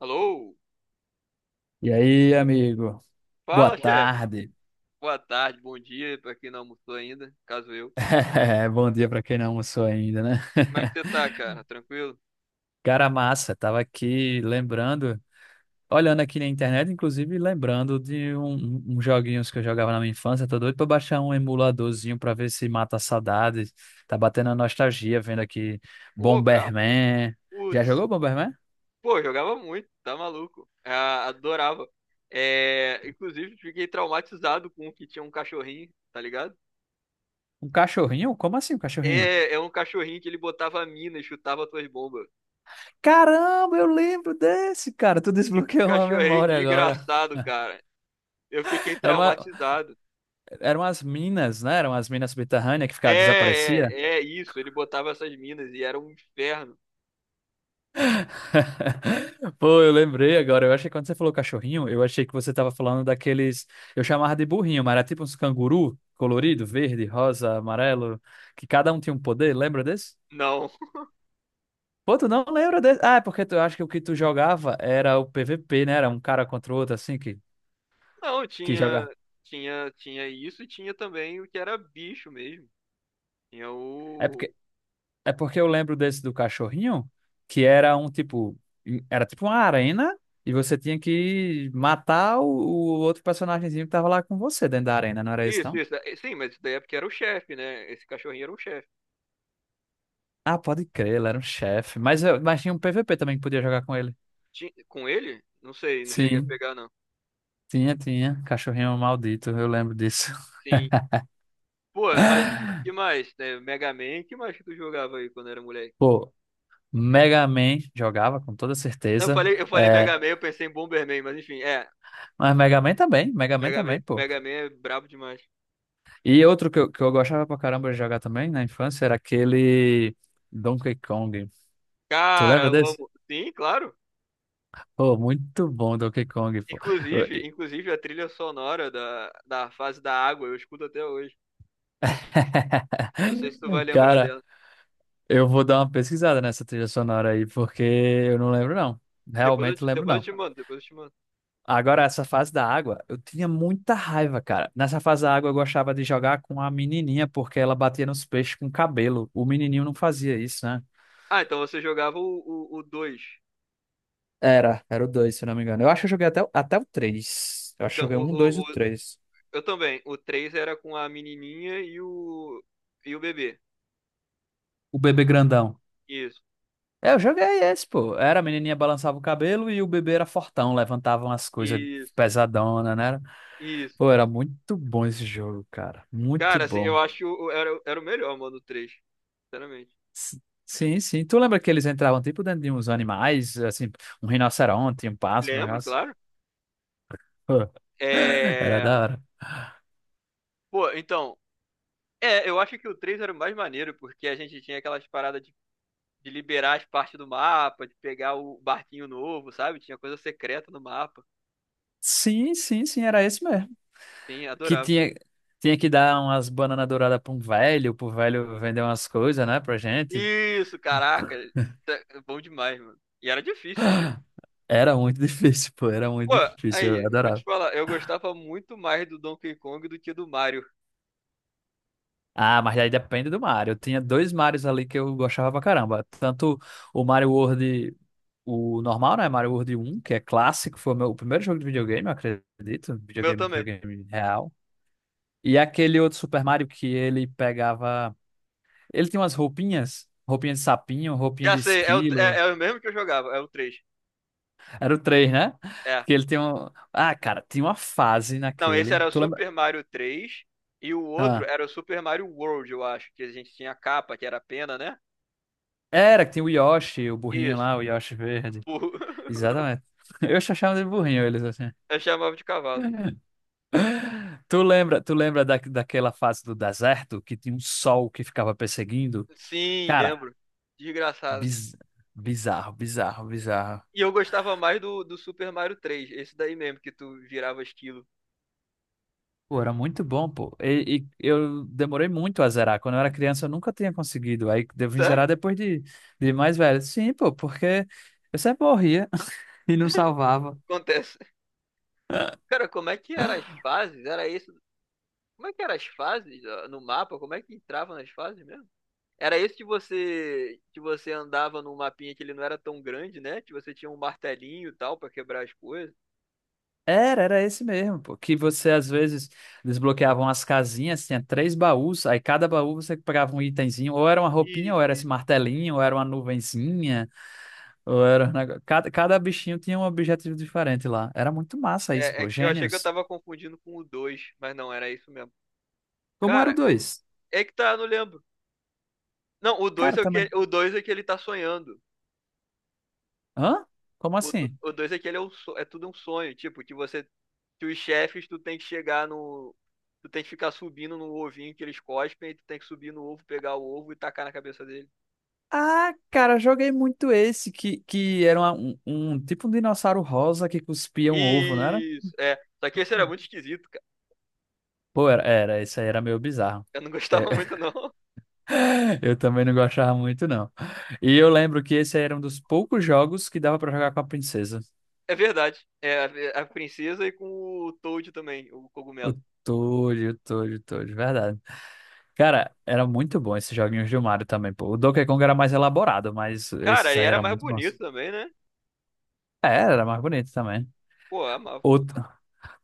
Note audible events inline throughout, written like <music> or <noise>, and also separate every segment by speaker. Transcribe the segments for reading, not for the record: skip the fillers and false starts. Speaker 1: Alô?
Speaker 2: E aí, amigo? Boa
Speaker 1: Fala, chefe.
Speaker 2: tarde.
Speaker 1: Boa tarde, bom dia pra quem não almoçou ainda, caso eu.
Speaker 2: <laughs> Bom dia para quem não almoçou ainda, né?
Speaker 1: Como é que você
Speaker 2: <laughs>
Speaker 1: tá, cara? Tranquilo?
Speaker 2: Cara massa, tava aqui lembrando, olhando aqui na internet, inclusive lembrando de uns joguinhos que eu jogava na minha infância. Tô doido pra baixar um emuladorzinho pra ver se mata a saudade. Tá batendo a nostalgia vendo aqui,
Speaker 1: Ô, brabo.
Speaker 2: Bomberman. Já
Speaker 1: Putz.
Speaker 2: jogou Bomberman?
Speaker 1: Pô, jogava muito, tá maluco. Ah, adorava. É, inclusive, fiquei traumatizado com o que tinha um cachorrinho, tá ligado?
Speaker 2: Um cachorrinho? Como assim um cachorrinho?
Speaker 1: É, é um cachorrinho que ele botava mina e chutava tuas bombas.
Speaker 2: Caramba, eu lembro desse, cara. Tu
Speaker 1: Que
Speaker 2: desbloqueou uma
Speaker 1: cachorrinho
Speaker 2: memória
Speaker 1: de
Speaker 2: agora.
Speaker 1: engraçado, cara. Eu fiquei
Speaker 2: <laughs> Era uma,
Speaker 1: traumatizado.
Speaker 2: Eram as minas, né? Eram as minas subterrâneas que
Speaker 1: É,
Speaker 2: ficava, desaparecia.
Speaker 1: é, é isso. Ele botava essas minas e era um inferno.
Speaker 2: <laughs> Pô, eu lembrei agora. Eu achei que, quando você falou cachorrinho, eu achei que você tava falando daqueles. Eu chamava de burrinho, mas era tipo uns canguru colorido, verde, rosa, amarelo, que cada um tinha um poder. Lembra desse?
Speaker 1: Não.
Speaker 2: Pô, tu não lembra desse? Ah, é porque tu eu acho que o que tu jogava era o PVP, né? Era um cara contra o outro, assim, que,
Speaker 1: Não,
Speaker 2: que
Speaker 1: tinha,
Speaker 2: joga.
Speaker 1: tinha isso e tinha também o que era bicho mesmo. Tinha
Speaker 2: É
Speaker 1: o.
Speaker 2: porque É porque eu lembro desse do cachorrinho, que era um tipo, era tipo uma arena, e você tinha que matar o outro personagemzinho que tava lá com você dentro da arena, não era isso,
Speaker 1: Isso,
Speaker 2: não?
Speaker 1: isso. Sim, mas isso daí é porque era o chefe, né? Esse cachorrinho era o chefe.
Speaker 2: Ah, pode crer, ele era um chefe, mas mas tinha um PVP também que podia jogar com ele.
Speaker 1: Com ele? Não sei, não cheguei a
Speaker 2: Sim,
Speaker 1: pegar, não.
Speaker 2: tinha, cachorrinho maldito, eu lembro disso.
Speaker 1: Sim. Pô, mas
Speaker 2: <laughs>
Speaker 1: que mais, né? Mega Man, que mais que tu jogava aí quando era moleque?
Speaker 2: Pô, Mega Man jogava com toda
Speaker 1: Não, Eu
Speaker 2: certeza,
Speaker 1: falei, eu falei
Speaker 2: é,
Speaker 1: Mega Man, eu pensei em Bomberman, mas enfim, é.
Speaker 2: mas Mega Man
Speaker 1: Mega Man,
Speaker 2: também, pô.
Speaker 1: Mega Man é brabo demais.
Speaker 2: E outro que eu gostava pra caramba de jogar também na infância era aquele Donkey Kong. Tu
Speaker 1: Cara,
Speaker 2: lembra
Speaker 1: eu
Speaker 2: desse?
Speaker 1: amo. Sim, claro.
Speaker 2: Pô, muito bom Donkey Kong, pô. Eu-
Speaker 1: Inclusive,
Speaker 2: e-
Speaker 1: inclusive a trilha sonora da fase da água, eu escuto até hoje. Não sei se tu vai
Speaker 2: <laughs>
Speaker 1: lembrar
Speaker 2: Cara,
Speaker 1: dela.
Speaker 2: eu vou dar uma pesquisada nessa trilha sonora aí, porque eu não lembro, não.
Speaker 1: Depois eu
Speaker 2: Realmente
Speaker 1: te,
Speaker 2: lembro,
Speaker 1: depois eu
Speaker 2: não.
Speaker 1: te mando, depois eu te mando.
Speaker 2: Agora, essa fase da água, eu tinha muita raiva, cara. Nessa fase da água, eu gostava de jogar com a menininha, porque ela batia nos peixes com o cabelo. O menininho não fazia isso, né?
Speaker 1: Ah, então você jogava o dois.
Speaker 2: Era o dois, se eu não me engano. Eu acho que eu joguei até o três. Eu acho que
Speaker 1: Então,
Speaker 2: eu joguei um, dois e
Speaker 1: o,
Speaker 2: o
Speaker 1: o-
Speaker 2: 3.
Speaker 1: eu também. O 3 era com a menininha e o bebê.
Speaker 2: O bebê grandão.
Speaker 1: Isso,
Speaker 2: É, eu joguei esse, pô. Era, a menininha balançava o cabelo e o bebê era fortão, levantavam as coisas
Speaker 1: isso,
Speaker 2: pesadona, né?
Speaker 1: isso.
Speaker 2: Pô, era muito bom esse jogo, cara. Muito
Speaker 1: Cara, assim,
Speaker 2: bom.
Speaker 1: eu acho, era o melhor, mano, o três. Sinceramente.
Speaker 2: S- Sim, sim. Tu lembra que eles entravam tipo dentro de uns animais, assim, um rinoceronte, um pássaro, um
Speaker 1: Lembro,
Speaker 2: negócio?
Speaker 1: claro.
Speaker 2: Pô, era
Speaker 1: É...
Speaker 2: da hora.
Speaker 1: Pô, então. É, eu acho que o 3 era o mais maneiro, porque a gente tinha aquelas paradas de liberar as partes do mapa, de pegar o barquinho novo, sabe? Tinha coisa secreta no mapa.
Speaker 2: Sim, sim, sim, era esse mesmo.
Speaker 1: Sim,
Speaker 2: Que
Speaker 1: adorava.
Speaker 2: tinha que dar umas bananas douradas pra um velho, pro velho vender umas coisas, né, pra gente.
Speaker 1: Isso, caraca. É bom demais, mano. E era difícil também.
Speaker 2: Era muito <laughs> difícil, pô, era
Speaker 1: Pô,
Speaker 2: muito difícil,
Speaker 1: aí,
Speaker 2: eu
Speaker 1: eu vou te
Speaker 2: adorava.
Speaker 1: falar, eu gostava muito mais do Donkey Kong do que do Mario.
Speaker 2: Ah, mas aí depende do Mario. Eu tinha dois Marios ali que eu gostava pra caramba. Tanto o Mario World, o normal, né, Mario World um, que é clássico, foi o meu primeiro jogo de videogame, eu acredito,
Speaker 1: O meu
Speaker 2: videogame,
Speaker 1: também.
Speaker 2: videogame real. E aquele outro Super Mario que ele pegava, ele tinha umas roupinhas, roupinha de sapinho, roupinha
Speaker 1: Já
Speaker 2: de
Speaker 1: sei, é o,
Speaker 2: esquilo.
Speaker 1: é, é o mesmo que eu jogava, é o três.
Speaker 2: Era o três, né?
Speaker 1: É.
Speaker 2: Que ele tem um. Ah, cara, tinha uma fase
Speaker 1: Não, esse
Speaker 2: naquele.
Speaker 1: era o
Speaker 2: Tu lembra?
Speaker 1: Super Mario três e o outro
Speaker 2: Ah.
Speaker 1: era o Super Mario World, eu acho, que a gente tinha a capa, que era a pena, né?
Speaker 2: Era que tinha o Yoshi, o burrinho
Speaker 1: Isso.
Speaker 2: lá, o Yoshi verde.
Speaker 1: Burro. <laughs>
Speaker 2: Exatamente. <laughs> Eu só chamo de burrinho eles assim.
Speaker 1: Eu chamava de cavalo.
Speaker 2: <laughs> Tu lembra daquela fase do deserto que tinha um sol que ficava perseguindo?
Speaker 1: Sim,
Speaker 2: Cara,
Speaker 1: lembro. Desgraçado.
Speaker 2: biz- bizarro, bizarro, bizarro.
Speaker 1: E eu gostava mais do Super Mario três, esse daí mesmo, que tu virava esquilo.
Speaker 2: Pô, era muito bom, pô. E eu demorei muito a zerar. Quando eu era criança, eu nunca tinha conseguido. Aí eu vim
Speaker 1: Sério?
Speaker 2: zerar depois de mais velho. Sim, pô, porque eu sempre morria. <laughs> E não salvava.
Speaker 1: Acontece. <laughs> Cara, como é que eram as fases? Era isso? Como é que eram as fases, ó, no mapa? Como é que entrava nas fases mesmo? Era isso, que você andava num mapinha que ele não era tão grande, né? Que você tinha um martelinho e tal pra quebrar as coisas.
Speaker 2: Era esse mesmo, pô. Que você às vezes desbloqueavam as casinhas, tinha três baús, aí cada baú você pegava um itemzinho, ou era uma roupinha, ou
Speaker 1: Isso,
Speaker 2: era esse
Speaker 1: isso.
Speaker 2: martelinho, ou era uma nuvenzinha, ou Cada bichinho tinha um objetivo diferente lá. Era muito massa isso,
Speaker 1: É,
Speaker 2: pô.
Speaker 1: eu achei que eu
Speaker 2: Gênios.
Speaker 1: tava confundindo com o dois, mas não, era isso mesmo.
Speaker 2: Como era o
Speaker 1: Cara,
Speaker 2: 2?
Speaker 1: é que tá, eu não lembro. Não,
Speaker 2: Cara, também.
Speaker 1: o 2 é que ele tá sonhando.
Speaker 2: Hã? Como assim?
Speaker 1: O dois é que ele é, é tudo um sonho, tipo, que os chefes, tu tem que ficar subindo no ovinho que eles cospem, e tu tem que subir no ovo, pegar o ovo e tacar na cabeça dele. Uhum.
Speaker 2: Ah, cara, joguei muito esse que era um tipo um dinossauro rosa que cuspia um ovo, não era?
Speaker 1: Isso, é. Só que esse era muito esquisito, cara.
Speaker 2: Pô, era, esse aí era meio bizarro.
Speaker 1: Eu não
Speaker 2: É,
Speaker 1: gostava <laughs> muito, não.
Speaker 2: eu também não gostava muito, não. E eu lembro que esse era um dos poucos jogos que dava pra jogar com a princesa.
Speaker 1: É verdade. É a princesa e com o Toad também, o
Speaker 2: O
Speaker 1: cogumelo.
Speaker 2: Toad, o Toad, o Toad, verdade. Cara, era muito bom esses joguinhos do Mario também, pô. O Donkey Kong era mais elaborado, mas
Speaker 1: Cara,
Speaker 2: esses
Speaker 1: ele
Speaker 2: aí
Speaker 1: era
Speaker 2: eram
Speaker 1: mais
Speaker 2: muito bons.
Speaker 1: bonito também, né?
Speaker 2: É, era mais bonito também.
Speaker 1: Pô, eu amava.
Speaker 2: Outro...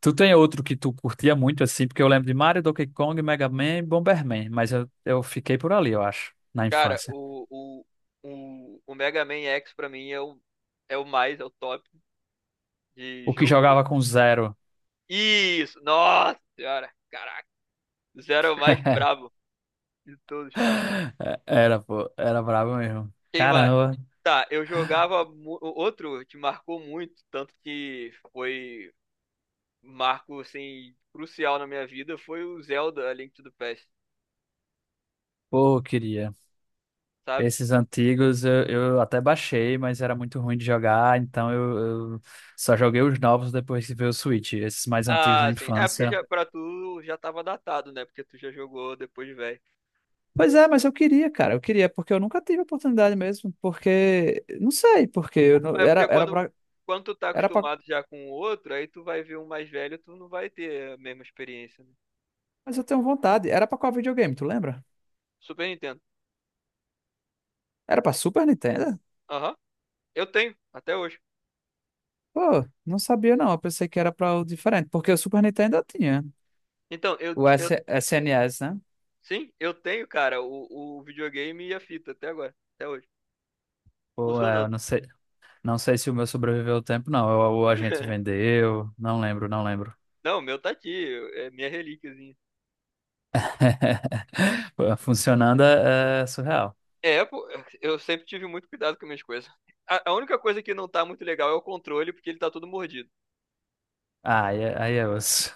Speaker 2: Tu tem outro que tu curtia muito, assim? Porque eu lembro de Mario, Donkey Kong, Mega Man e Bomberman, mas eu fiquei por ali, eu acho, na
Speaker 1: Cara,
Speaker 2: infância.
Speaker 1: o Mega Man X, pra mim, é o, mais, é o top de
Speaker 2: O que
Speaker 1: jogo.
Speaker 2: jogava com Zero.
Speaker 1: Isso! Nossa senhora! Caraca! Zero é o mais
Speaker 2: <laughs>
Speaker 1: brabo de todos.
Speaker 2: É, era, pô, era brabo mesmo.
Speaker 1: Quem mais?
Speaker 2: Caramba,
Speaker 1: Tá, eu jogava. Outro que marcou muito, tanto que foi marco assim, crucial na minha vida, foi o Zelda A Link to the Past,
Speaker 2: pô, eu queria.
Speaker 1: sabe?
Speaker 2: Esses antigos eu até baixei, mas era muito ruim de jogar, então eu só joguei os novos depois que veio o Switch, esses mais antigos na
Speaker 1: Ah, sim. É porque
Speaker 2: infância.
Speaker 1: já, pra tu, já tava datado, né? Porque tu já jogou depois de velho.
Speaker 2: Pois é, mas eu queria, cara, eu queria, porque eu nunca tive oportunidade mesmo, porque, não sei, porque eu não-
Speaker 1: É
Speaker 2: era,
Speaker 1: porque quando, quando tu tá
Speaker 2: era pra,
Speaker 1: acostumado já com o outro, aí tu vai ver um mais velho, tu não vai ter a mesma experiência, né?
Speaker 2: mas eu tenho vontade, era pra qual videogame, tu lembra?
Speaker 1: Super Nintendo.
Speaker 2: Era pra Super Nintendo?
Speaker 1: Aham. Eu tenho, até hoje.
Speaker 2: Pô, não sabia, não, eu pensei que era pra o diferente, porque o Super Nintendo eu tinha.
Speaker 1: Então, eu,
Speaker 2: O
Speaker 1: eu
Speaker 2: S SNS, né?
Speaker 1: sim, eu tenho, cara, o videogame e a fita até agora, até hoje,
Speaker 2: Ou, é,
Speaker 1: funcionando.
Speaker 2: eu não sei se o meu sobreviveu ao tempo, não. Ou a gente
Speaker 1: <laughs>
Speaker 2: vendeu, não lembro, não lembro.
Speaker 1: Não, o meu tá aqui, é minha relíquiazinha.
Speaker 2: <laughs> Funcionando é surreal.
Speaker 1: É, pô, eu sempre tive muito cuidado com minhas coisas. A única coisa que não tá muito legal é o controle, porque ele tá todo mordido.
Speaker 2: Ah, aí é osso.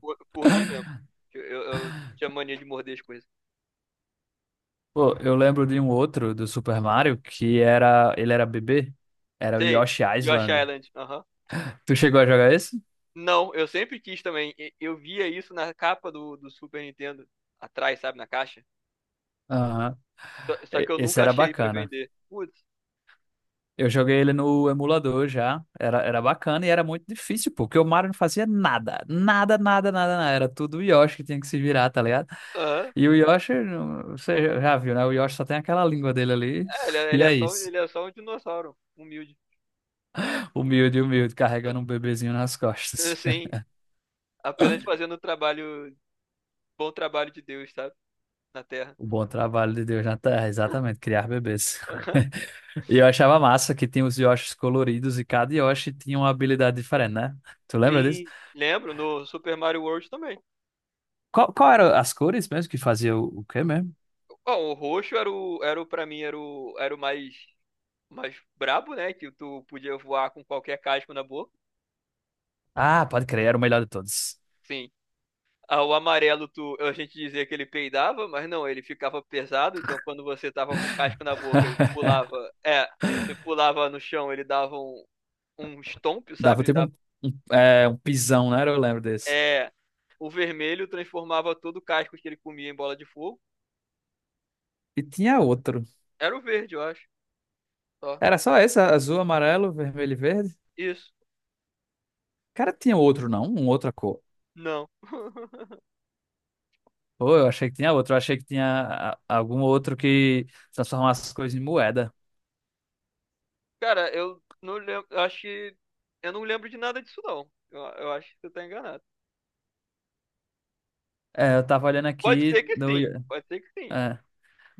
Speaker 1: Por mim mesmo.
Speaker 2: <laughs>
Speaker 1: Eu, eu, eu tinha mania de morder as coisas.
Speaker 2: Pô, eu lembro de um outro do Super Mario que ele era bebê, era o
Speaker 1: Sei,
Speaker 2: Yoshi
Speaker 1: Yoshi
Speaker 2: Island.
Speaker 1: Island, aham.
Speaker 2: Tu chegou a jogar esse?
Speaker 1: Não, eu sempre quis também. Eu via isso na capa do Super Nintendo, atrás, sabe, na caixa.
Speaker 2: Aham.
Speaker 1: Só que eu
Speaker 2: Esse
Speaker 1: nunca
Speaker 2: era
Speaker 1: achei pra
Speaker 2: bacana.
Speaker 1: vender. Putz.
Speaker 2: Eu joguei ele no emulador já. Era bacana e era muito difícil, pô, porque o Mario não fazia nada. Nada, nada, nada, nada. Era tudo o Yoshi que tinha que se virar, tá ligado? E o Yoshi, você já viu, né? O Yoshi só tem aquela língua dele ali.
Speaker 1: É, ele
Speaker 2: <laughs>
Speaker 1: é, ele
Speaker 2: E
Speaker 1: é
Speaker 2: é
Speaker 1: só, um,
Speaker 2: isso.
Speaker 1: ele é só um dinossauro, humilde.
Speaker 2: Humilde, humilde, carregando um
Speaker 1: <laughs>
Speaker 2: bebezinho nas costas.
Speaker 1: Assim,
Speaker 2: <laughs>
Speaker 1: apenas fazendo o trabalho, bom trabalho de Deus, sabe? Na Terra.
Speaker 2: O bom trabalho de Deus na Terra, exatamente, criar bebês. <laughs>
Speaker 1: <laughs> Aham.
Speaker 2: E eu achava massa que tinha os Yoshis coloridos, e cada Yoshi tinha uma habilidade diferente, né? Tu lembra disso?
Speaker 1: Sim, lembro, no Super Mario World também.
Speaker 2: Qual eram as cores mesmo, que fazia o quê mesmo?
Speaker 1: Ó, o roxo pra mim, era o mais brabo, né? Que tu podia voar com qualquer casco na boca.
Speaker 2: Ah, pode crer, era o melhor de todos.
Speaker 1: Sim. Ah, o amarelo, tu, a gente dizia que ele peidava, mas não, ele ficava pesado, então quando você tava com o casco na boca, ele
Speaker 2: <laughs>
Speaker 1: pulava. É, você pulava no chão, ele dava um stomp,
Speaker 2: Dava
Speaker 1: sabe?
Speaker 2: tipo um pisão, né? Eu lembro desse.
Speaker 1: É, o vermelho transformava todo o casco que ele comia em bola de fogo.
Speaker 2: E tinha outro.
Speaker 1: Era o verde, eu acho. Só.
Speaker 2: Era só esse, azul, amarelo, vermelho e verde?
Speaker 1: Isso.
Speaker 2: Cara, tinha outro, não? Uma outra cor.
Speaker 1: Não. <laughs>
Speaker 2: Pô, eu achei que tinha outro. Eu achei que tinha algum outro que transformasse as coisas em moeda.
Speaker 1: Cara, eu não lembro. Eu acho que. Eu não lembro de nada disso, não. Eu acho que você tá enganado.
Speaker 2: É, eu tava olhando
Speaker 1: Pode
Speaker 2: aqui
Speaker 1: ser que sim. Pode ser que sim.
Speaker 2: é,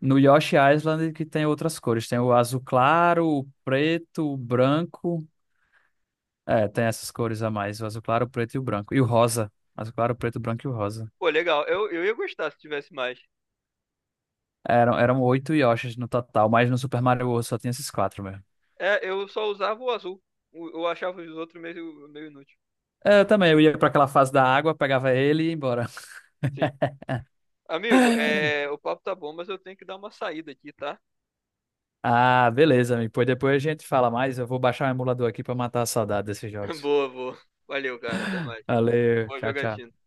Speaker 2: no Yoshi Island, que tem outras cores. Tem o azul claro, o preto, o branco. É, tem essas cores a mais. O azul claro, o preto e o branco. E o rosa. Azul claro, o preto, o branco e o rosa.
Speaker 1: Pô, legal. Eu ia gostar se tivesse mais.
Speaker 2: Eram oito Yoshis no total, mas no Super Mario World só tinha esses quatro mesmo.
Speaker 1: É, eu só usava o azul. Eu achava os outros meio, meio inútil.
Speaker 2: É, eu também, eu ia pra aquela fase da água, pegava ele e ia embora.
Speaker 1: Sim. Amigo,
Speaker 2: <laughs>
Speaker 1: é, o papo tá bom, mas eu tenho que dar uma saída aqui, tá?
Speaker 2: Ah, beleza, amigo. Pois depois a gente fala mais. Eu vou baixar o emulador aqui pra matar a saudade desses
Speaker 1: <laughs>
Speaker 2: jogos.
Speaker 1: Boa, boa. Valeu, cara. Até mais.
Speaker 2: Valeu,
Speaker 1: Boa
Speaker 2: tchau, tchau.
Speaker 1: jogatina.